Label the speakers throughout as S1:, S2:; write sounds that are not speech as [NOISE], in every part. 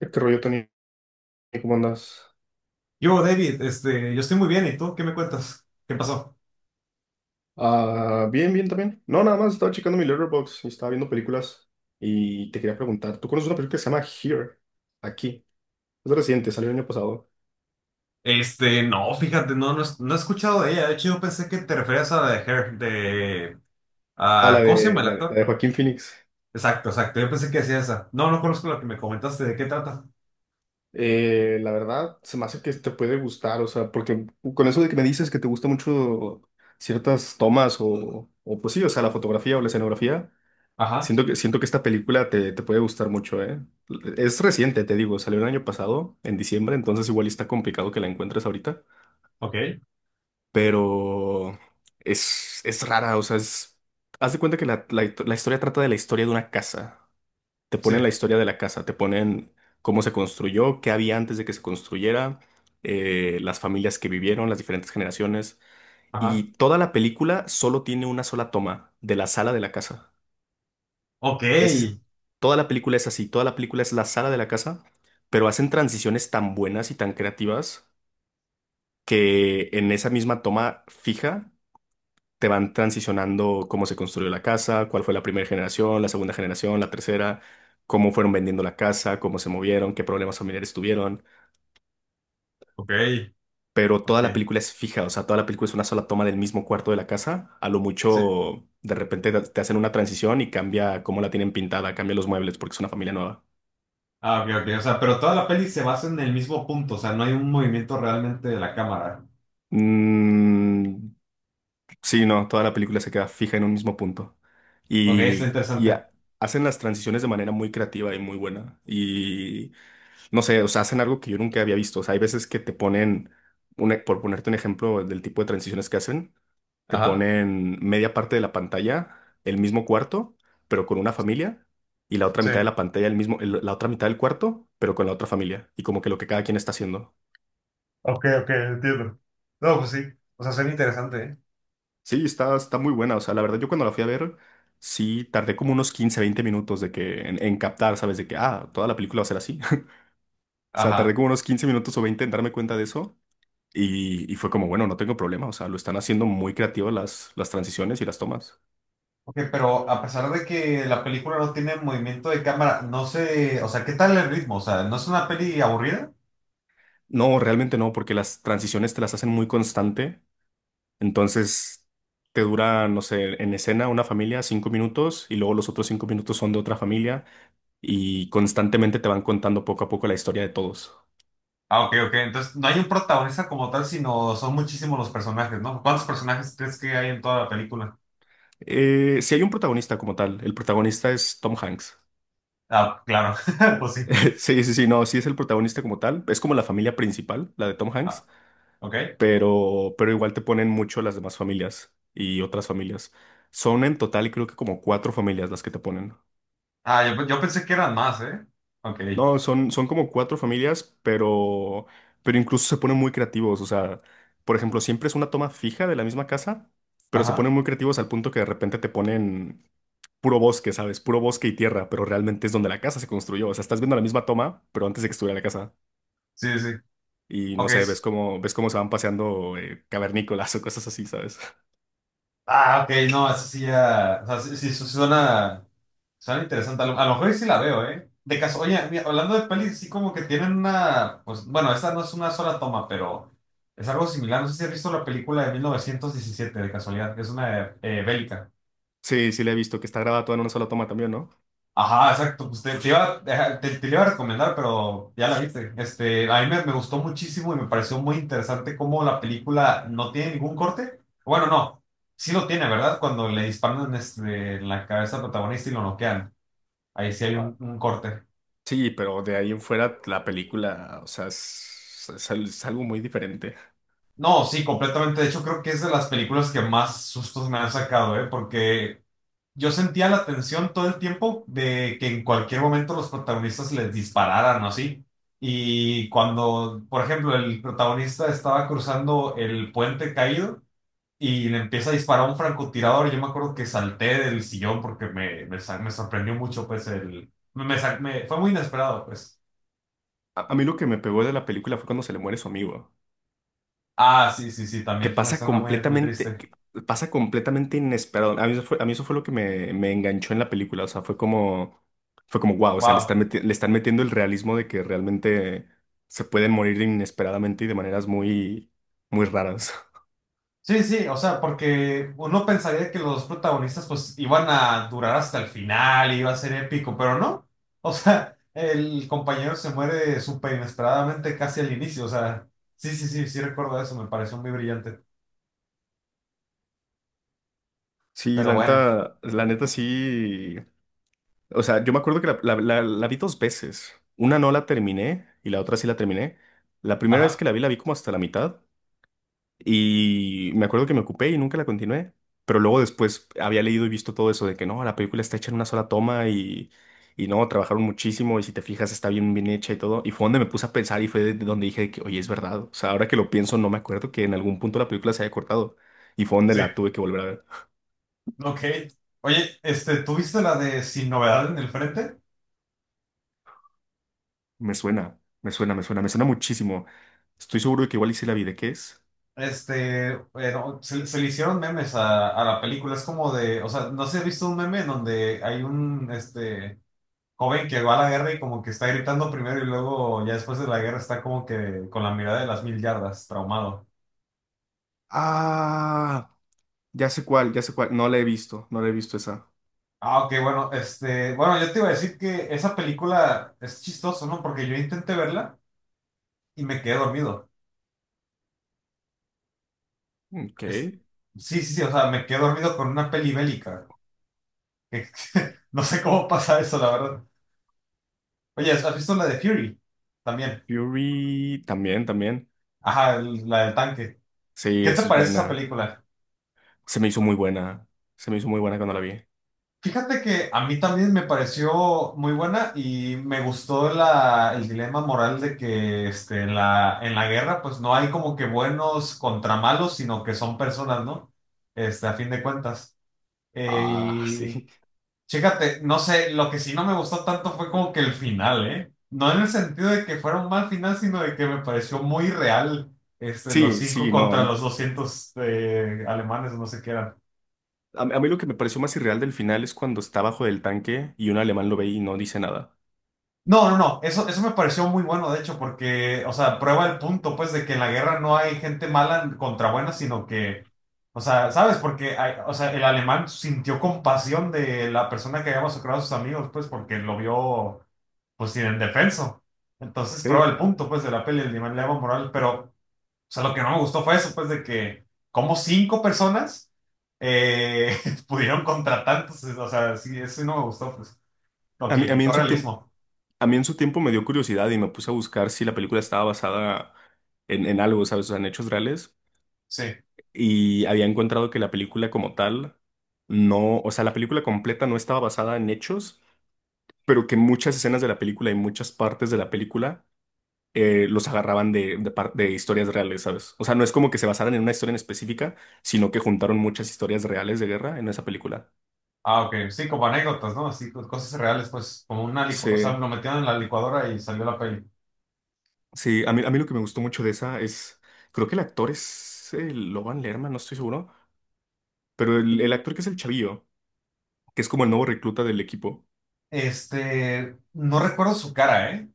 S1: ¿Qué rollo, Tony? ¿Cómo andas?
S2: Yo, David, yo estoy muy bien, ¿y tú? ¿Qué me cuentas? ¿Qué pasó?
S1: Ah, bien, bien también. No, nada más estaba checando mi Letterboxd y estaba viendo películas y te quería preguntar, ¿tú conoces una película que se llama Here? Aquí. Es reciente, salió el año pasado.
S2: No, fíjate, no, no, no he escuchado de ella. De hecho, yo pensé que te referías a la de Her.
S1: Ah, la
S2: A, ¿cómo se llama
S1: de,
S2: el
S1: la de, la
S2: actor?
S1: de Joaquín Phoenix.
S2: Exacto, exacto, yo pensé que decía esa. No, no conozco la que me comentaste, ¿de qué trata?
S1: La verdad, se me hace que te puede gustar, o sea, porque con eso de que me dices que te gusta mucho ciertas tomas o pues sí, o sea, la fotografía o la escenografía.
S2: Ajá,
S1: Siento que esta película te puede gustar mucho, ¿eh? Es reciente, te digo, salió el año pasado, en diciembre, entonces igual está complicado que la encuentres ahorita,
S2: ok,
S1: pero es rara, o sea, es... Haz de cuenta que la historia trata de la historia de una casa. Te
S2: sí,
S1: ponen la historia de la casa, te ponen cómo se construyó, qué había antes de que se construyera, las familias que vivieron, las diferentes generaciones,
S2: ajá,
S1: y toda la película solo tiene una sola toma de la sala de la casa.
S2: ok,
S1: Es, toda la película es así, toda la película es la sala de la casa, pero hacen transiciones tan buenas y tan creativas que en esa misma toma fija te van transicionando cómo se construyó la casa, cuál fue la primera generación, la segunda generación, la tercera, cómo fueron vendiendo la casa, cómo se movieron, qué problemas familiares tuvieron.
S2: ok,
S1: Pero toda la
S2: ok,
S1: película es fija, o sea, toda la película es una sola toma del mismo cuarto de la casa. A lo
S2: sí.
S1: mucho, de repente te hacen una transición y cambia cómo la tienen pintada, cambia los muebles porque es una familia nueva.
S2: Ah, ok, ok, o sea, pero toda la peli se basa en el mismo punto, o sea, no hay un movimiento realmente de la cámara.
S1: Mm. Sí, no, toda la película se queda fija en un mismo punto.
S2: Ok, está
S1: Y, y
S2: interesante.
S1: ha- Hacen las transiciones de manera muy creativa y muy buena. Y no sé, o sea, hacen algo que yo nunca había visto. O sea, hay veces que te ponen, por ponerte un ejemplo del tipo de transiciones que hacen, te
S2: Ajá,
S1: ponen media parte de la pantalla, el mismo cuarto, pero con una familia, y la otra
S2: sí.
S1: mitad de la pantalla, la otra mitad del cuarto, pero con la otra familia. Y como que lo que cada quien está haciendo.
S2: Ok, ok, entiendo. No, pues sí. O sea, suena interesante, ¿eh?
S1: Sí, está, está muy buena. O sea, la verdad, yo cuando la fui a ver, sí, tardé como unos 15, 20 minutos de que, en captar, ¿sabes? De que, ah, toda la película va a ser así. [LAUGHS] O sea, tardé
S2: Ajá.
S1: como unos 15 minutos o 20 en darme cuenta de eso. Y fue como, bueno, no tengo problema. O sea, lo están haciendo muy creativo las transiciones y las tomas.
S2: Ok, pero a pesar de que la película no tiene movimiento de cámara, no sé, o sea, ¿qué tal el ritmo? O sea, ¿no es una peli aburrida?
S1: No, realmente no, porque las transiciones te las hacen muy constante. Entonces, te dura, no sé, en escena una familia cinco minutos y luego los otros cinco minutos son de otra familia y constantemente te van contando poco a poco la historia de todos.
S2: Ah, ok, ok. Entonces, no hay un protagonista como tal, sino son muchísimos los personajes, ¿no? ¿Cuántos personajes crees que hay en toda la película?
S1: Si hay un protagonista como tal, el protagonista es Tom Hanks.
S2: Ah, claro, [LAUGHS] pues sí.
S1: [LAUGHS] Sí, sí, sí, no, sí es el protagonista como tal. Es como la familia principal, la de Tom Hanks,
S2: Ah, ok.
S1: pero igual te ponen mucho las demás familias y otras familias. Son en total creo que como cuatro familias las que te ponen.
S2: Ah, yo pensé que eran más, ¿eh? Ok.
S1: No, son, son como cuatro familias, pero incluso se ponen muy creativos. O sea, por ejemplo, siempre es una toma fija de la misma casa, pero se
S2: Ajá.
S1: ponen muy creativos al punto que de repente te ponen puro bosque, ¿sabes? Puro bosque y tierra, pero realmente es donde la casa se construyó. O sea, estás viendo la misma toma, pero antes de que estuviera la casa.
S2: Sí, sí, sí.
S1: Y no
S2: Ok.
S1: sé, ves cómo se van paseando cavernícolas o cosas así, ¿sabes? [LAUGHS]
S2: Ah, ok, no, eso sí ya. O sea, sí, sí, suena interesante. A lo mejor y sí la veo, ¿eh? De caso, oye, mira, hablando de pelis, sí como que tienen una. Pues bueno, esta no es una sola toma, pero es algo similar. No sé si has visto la película de 1917 de casualidad, que es una bélica.
S1: Sí, sí, le he visto que está grabada toda en una sola toma también, ¿no?
S2: Ajá, exacto. Pues te la iba a recomendar, pero ya la viste. A mí me gustó muchísimo y me pareció muy interesante cómo la película no tiene ningún corte. Bueno, no, sí lo tiene, ¿verdad? Cuando le disparan en la cabeza al protagonista y lo noquean. Ahí sí hay un,
S1: Ah,
S2: un corte.
S1: sí, pero de ahí en fuera la película, o sea, es algo muy diferente.
S2: No, sí, completamente. De hecho, creo que es de las películas que más sustos me han sacado, ¿eh? Porque yo sentía la tensión todo el tiempo de que en cualquier momento los protagonistas les dispararan o así. Y cuando, por ejemplo, el protagonista estaba cruzando el puente caído y le empieza a disparar un francotirador, yo me acuerdo que salté del sillón porque me sorprendió mucho, pues. Fue muy inesperado, pues.
S1: A mí lo que me pegó de la película fue cuando se le muere su amigo.
S2: Ah, sí, sí, sí,
S1: que
S2: también fue una
S1: pasa
S2: escena muy, muy
S1: completamente,
S2: triste.
S1: que pasa completamente inesperado. A mí eso fue, a mí eso fue lo que me enganchó en la película. O sea, fue como, wow, o sea,
S2: Wow.
S1: le están metiendo el realismo de que realmente se pueden morir inesperadamente y de maneras muy, muy raras. [LAUGHS]
S2: Sí, sí, o sea, porque uno pensaría que los protagonistas pues iban a durar hasta el final, iba a ser épico, pero no. O sea, el compañero se muere súper inesperadamente casi al inicio, o sea, sí, sí, sí, sí recuerdo eso, me pareció muy brillante.
S1: Sí,
S2: Pero bueno,
S1: la neta sí. O sea, yo me acuerdo que la vi dos veces. Una no la terminé y la otra sí la terminé. La primera vez que
S2: ajá,
S1: la vi como hasta la mitad. Y me acuerdo que me ocupé y nunca la continué. Pero luego después había leído y visto todo eso de que no, la película está hecha en una sola toma y no, trabajaron muchísimo y si te fijas está bien, bien hecha y todo. Y fue donde me puse a pensar y fue de donde dije de que, oye, es verdad. O sea, ahora que lo pienso, no me acuerdo que en algún punto la película se haya cortado. Y fue donde
S2: sí,
S1: la tuve que volver a ver.
S2: ok. Oye, ¿tú viste la de Sin Novedad en el Frente?
S1: Me suena muchísimo. Estoy seguro de que igual hice la vi. ¿De qué es?
S2: Bueno, se le hicieron memes a la película, es como o sea, no sé si has visto un meme en donde hay este joven que va a la guerra y como que está gritando primero y luego ya después de la guerra está como que con la mirada de las mil yardas, traumado.
S1: Ah, ya sé cuál, ya sé cuál. No la he visto, no la he visto esa.
S2: Ah, ok, bueno, bueno, yo te iba a decir que esa película es chistoso, ¿no? Porque yo intenté verla y me quedé dormido.
S1: Ok.
S2: Es- sí, sí, sí, o sea, me quedé dormido con una peli bélica. Que- [LAUGHS] no sé cómo pasa eso, la verdad. Oye, ¿has visto la de Fury? También.
S1: Fury también, también.
S2: Ajá, la del tanque.
S1: Sí,
S2: ¿Qué te
S1: eso es
S2: parece esa
S1: buena.
S2: película?
S1: Se me hizo muy buena. Se me hizo muy buena cuando la vi.
S2: Fíjate que a mí también me pareció muy buena y me gustó el dilema moral de que en la guerra pues no hay como que buenos contra malos, sino que son personas, ¿no? A fin de cuentas. Eh,
S1: Ah, [LAUGHS]
S2: y
S1: sí.
S2: chécate, no sé, lo que sí no me gustó tanto fue como que el final, ¿eh? No en el sentido de que fuera un mal final, sino de que me pareció muy real los
S1: Sí,
S2: cinco
S1: sí, no. A
S2: contra
S1: mí,
S2: los 200 alemanes, no sé qué eran.
S1: a mí lo que me pareció más irreal del final es cuando está bajo del tanque y un alemán lo ve y no dice nada.
S2: No, no, no, eso me pareció muy bueno, de hecho, porque, o sea, prueba el punto, pues, de que en la guerra no hay gente mala contra buena, sino que, o sea, ¿sabes? Porque, o sea, el alemán sintió compasión de la persona que había masacrado a sus amigos, pues, porque lo vio, pues, sin indefenso. Entonces, prueba
S1: Sí.
S2: el punto, pues, de la peli, el nivel de Evo moral, pero, o sea, lo que no me gustó fue eso, pues, de que, como cinco personas eh, [LAUGHS] pudieron contra tantos, o sea, sí, eso sí no me gustó, pues, lo que le
S1: A mí
S2: quitó
S1: en su tiempo,
S2: realismo,
S1: a mí en su tiempo me dio curiosidad y me puse a buscar si la película estaba basada en algo, ¿sabes? O sea, en hechos reales.
S2: sí.
S1: Y había encontrado que la película como tal no, o sea, la película completa no estaba basada en hechos, pero que muchas escenas de la película y muchas partes de la película los agarraban de historias reales, ¿sabes? O sea, no es como que se basaran en una historia en específica, sino que juntaron muchas historias reales de guerra en esa película.
S2: Ah, ok. Sí, como anécdotas, ¿no? Así, cosas reales, pues, como una o sea,
S1: Sí,
S2: lo metieron en la licuadora y salió la peli.
S1: sí, a mí lo que me gustó mucho de esa es, creo que el actor es Logan Lerman, no estoy seguro, pero el actor que es el chavillo, que es como el nuevo recluta del equipo.
S2: No recuerdo su cara, ¿eh?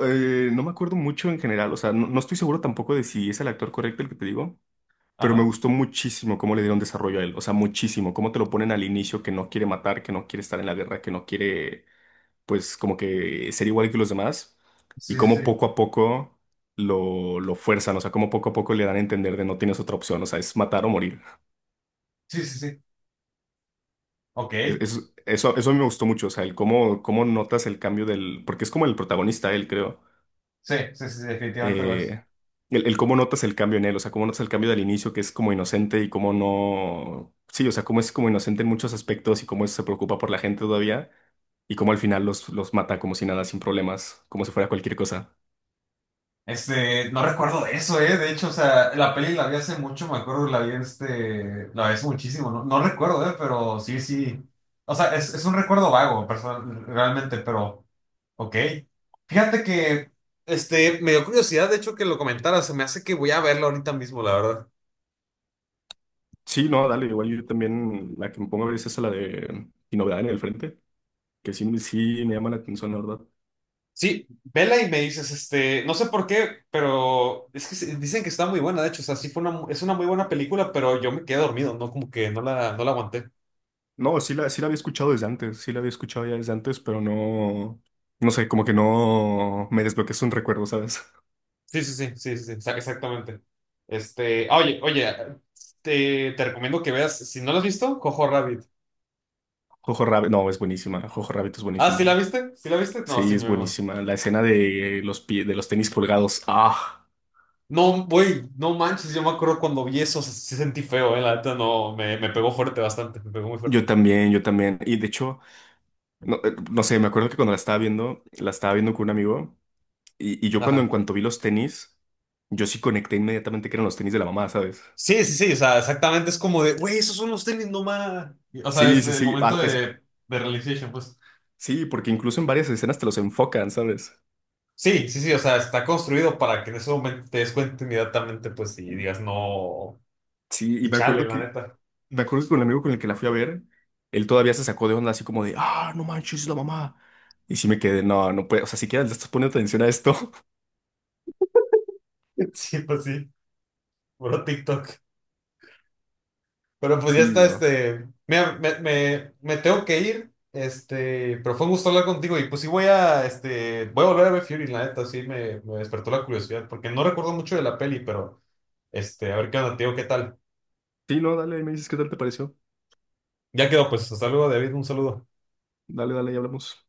S1: No me acuerdo mucho en general, o sea, no, no estoy seguro tampoco de si es el actor correcto el que te digo, pero me
S2: Ajá.
S1: gustó muchísimo cómo le dieron desarrollo a él, o sea, muchísimo, cómo te lo ponen al inicio que no quiere matar, que no quiere estar en la guerra, que no quiere pues como que ser igual que los demás y
S2: Sí, sí, sí.
S1: cómo poco a poco lo fuerzan, o sea, cómo poco a poco le dan a entender de no tienes otra opción, o sea, es matar o morir.
S2: Sí, sí, sí. Ok. Sí,
S1: Eso, eso me gustó mucho, o sea, el cómo, cómo notas el cambio del, porque es como el protagonista, él creo,
S2: sí, sí, sí, definitivamente lo es.
S1: eh, el cómo notas el cambio en él, o sea, cómo notas el cambio del inicio que es como inocente y cómo no, sí, o sea, cómo es como inocente en muchos aspectos y cómo se preocupa por la gente todavía. Y cómo al final los mata como si nada, sin problemas, como si fuera cualquier cosa.
S2: No recuerdo de eso, ¿eh? De hecho, o sea, la peli la vi hace mucho, me acuerdo, la vi hace muchísimo, no, no recuerdo, ¿eh? Pero sí, sí. O sea, es un recuerdo vago, personal, realmente, pero. Ok. Fíjate que me dio curiosidad, de hecho, que lo comentaras. Se me hace que voy a verlo ahorita mismo, la verdad.
S1: Sí, no, dale, igual yo también la que me pongo a ver es esa, la de Sin Novedad en el Frente, que sí, sí me llama la atención, la verdad.
S2: Sí, vela y me dices, no sé por qué, pero es que dicen que está muy buena, de hecho, o sea, sí es una muy buena película, pero yo me quedé dormido, no como que no la aguanté.
S1: No, sí la, sí la había escuchado desde antes, sí la había escuchado ya desde antes, pero no, no sé, como que no me desbloqueas un recuerdo, ¿sabes?
S2: Sí, sí, sí, sí, sí, sí, exactamente. Ah, oye, oye, te recomiendo que veas, si no la has visto, Cojo Rabbit.
S1: [LAUGHS] Jojo Rabbit, no, es buenísima, Jojo Rabbit es
S2: Ah, ¿sí la
S1: buenísima,
S2: viste? ¿Sí la viste? No, sí,
S1: sí, es
S2: mi amor.
S1: buenísima. La escena de los pies, de los tenis colgados, ah,
S2: No, güey, no manches, yo me acuerdo cuando vi eso, se sentí feo, la neta, no, me pegó fuerte bastante, me pegó muy
S1: yo
S2: fuerte.
S1: también, yo también. Y de hecho, no, no sé, me acuerdo que cuando la estaba viendo con un amigo. Y yo cuando en
S2: Ajá.
S1: cuanto vi los tenis, yo sí conecté inmediatamente que eran los tenis de la mamá, ¿sabes?
S2: Sí, sí, sí, o sea, exactamente, es como de, güey, esos son los tenis, no más. O sea,
S1: Sí,
S2: es
S1: sí,
S2: el
S1: sí.
S2: momento
S1: Ah, es,
S2: de, realization, pues.
S1: sí, porque incluso en varias escenas te los enfocan, ¿sabes?
S2: Sí, sí, sí, o sea, está construido para que en ese momento te des cuenta inmediatamente, pues, y digas no,
S1: Sí, y
S2: y chale, la neta. [LAUGHS]
S1: me acuerdo que con el amigo con el que la fui a ver, él todavía se sacó de onda así como de, ah, no manches, es la mamá. Y sí me quedé, no, no puede, o sea, siquiera le estás poniendo atención a esto. [LAUGHS]
S2: Sí, pues sí, puro TikTok. Pero pues ya
S1: Sí,
S2: está,
S1: no.
S2: mira, me tengo que ir, pero fue un gusto hablar contigo y pues sí voy a volver a ver Fury, la neta, sí me despertó la curiosidad, porque no recuerdo mucho de la peli, pero, a ver qué onda, tío, qué tal.
S1: Sí, no, dale, ahí me dices qué tal te pareció.
S2: Ya quedó, pues, hasta luego, David, un saludo.
S1: Dale, dale, y hablamos.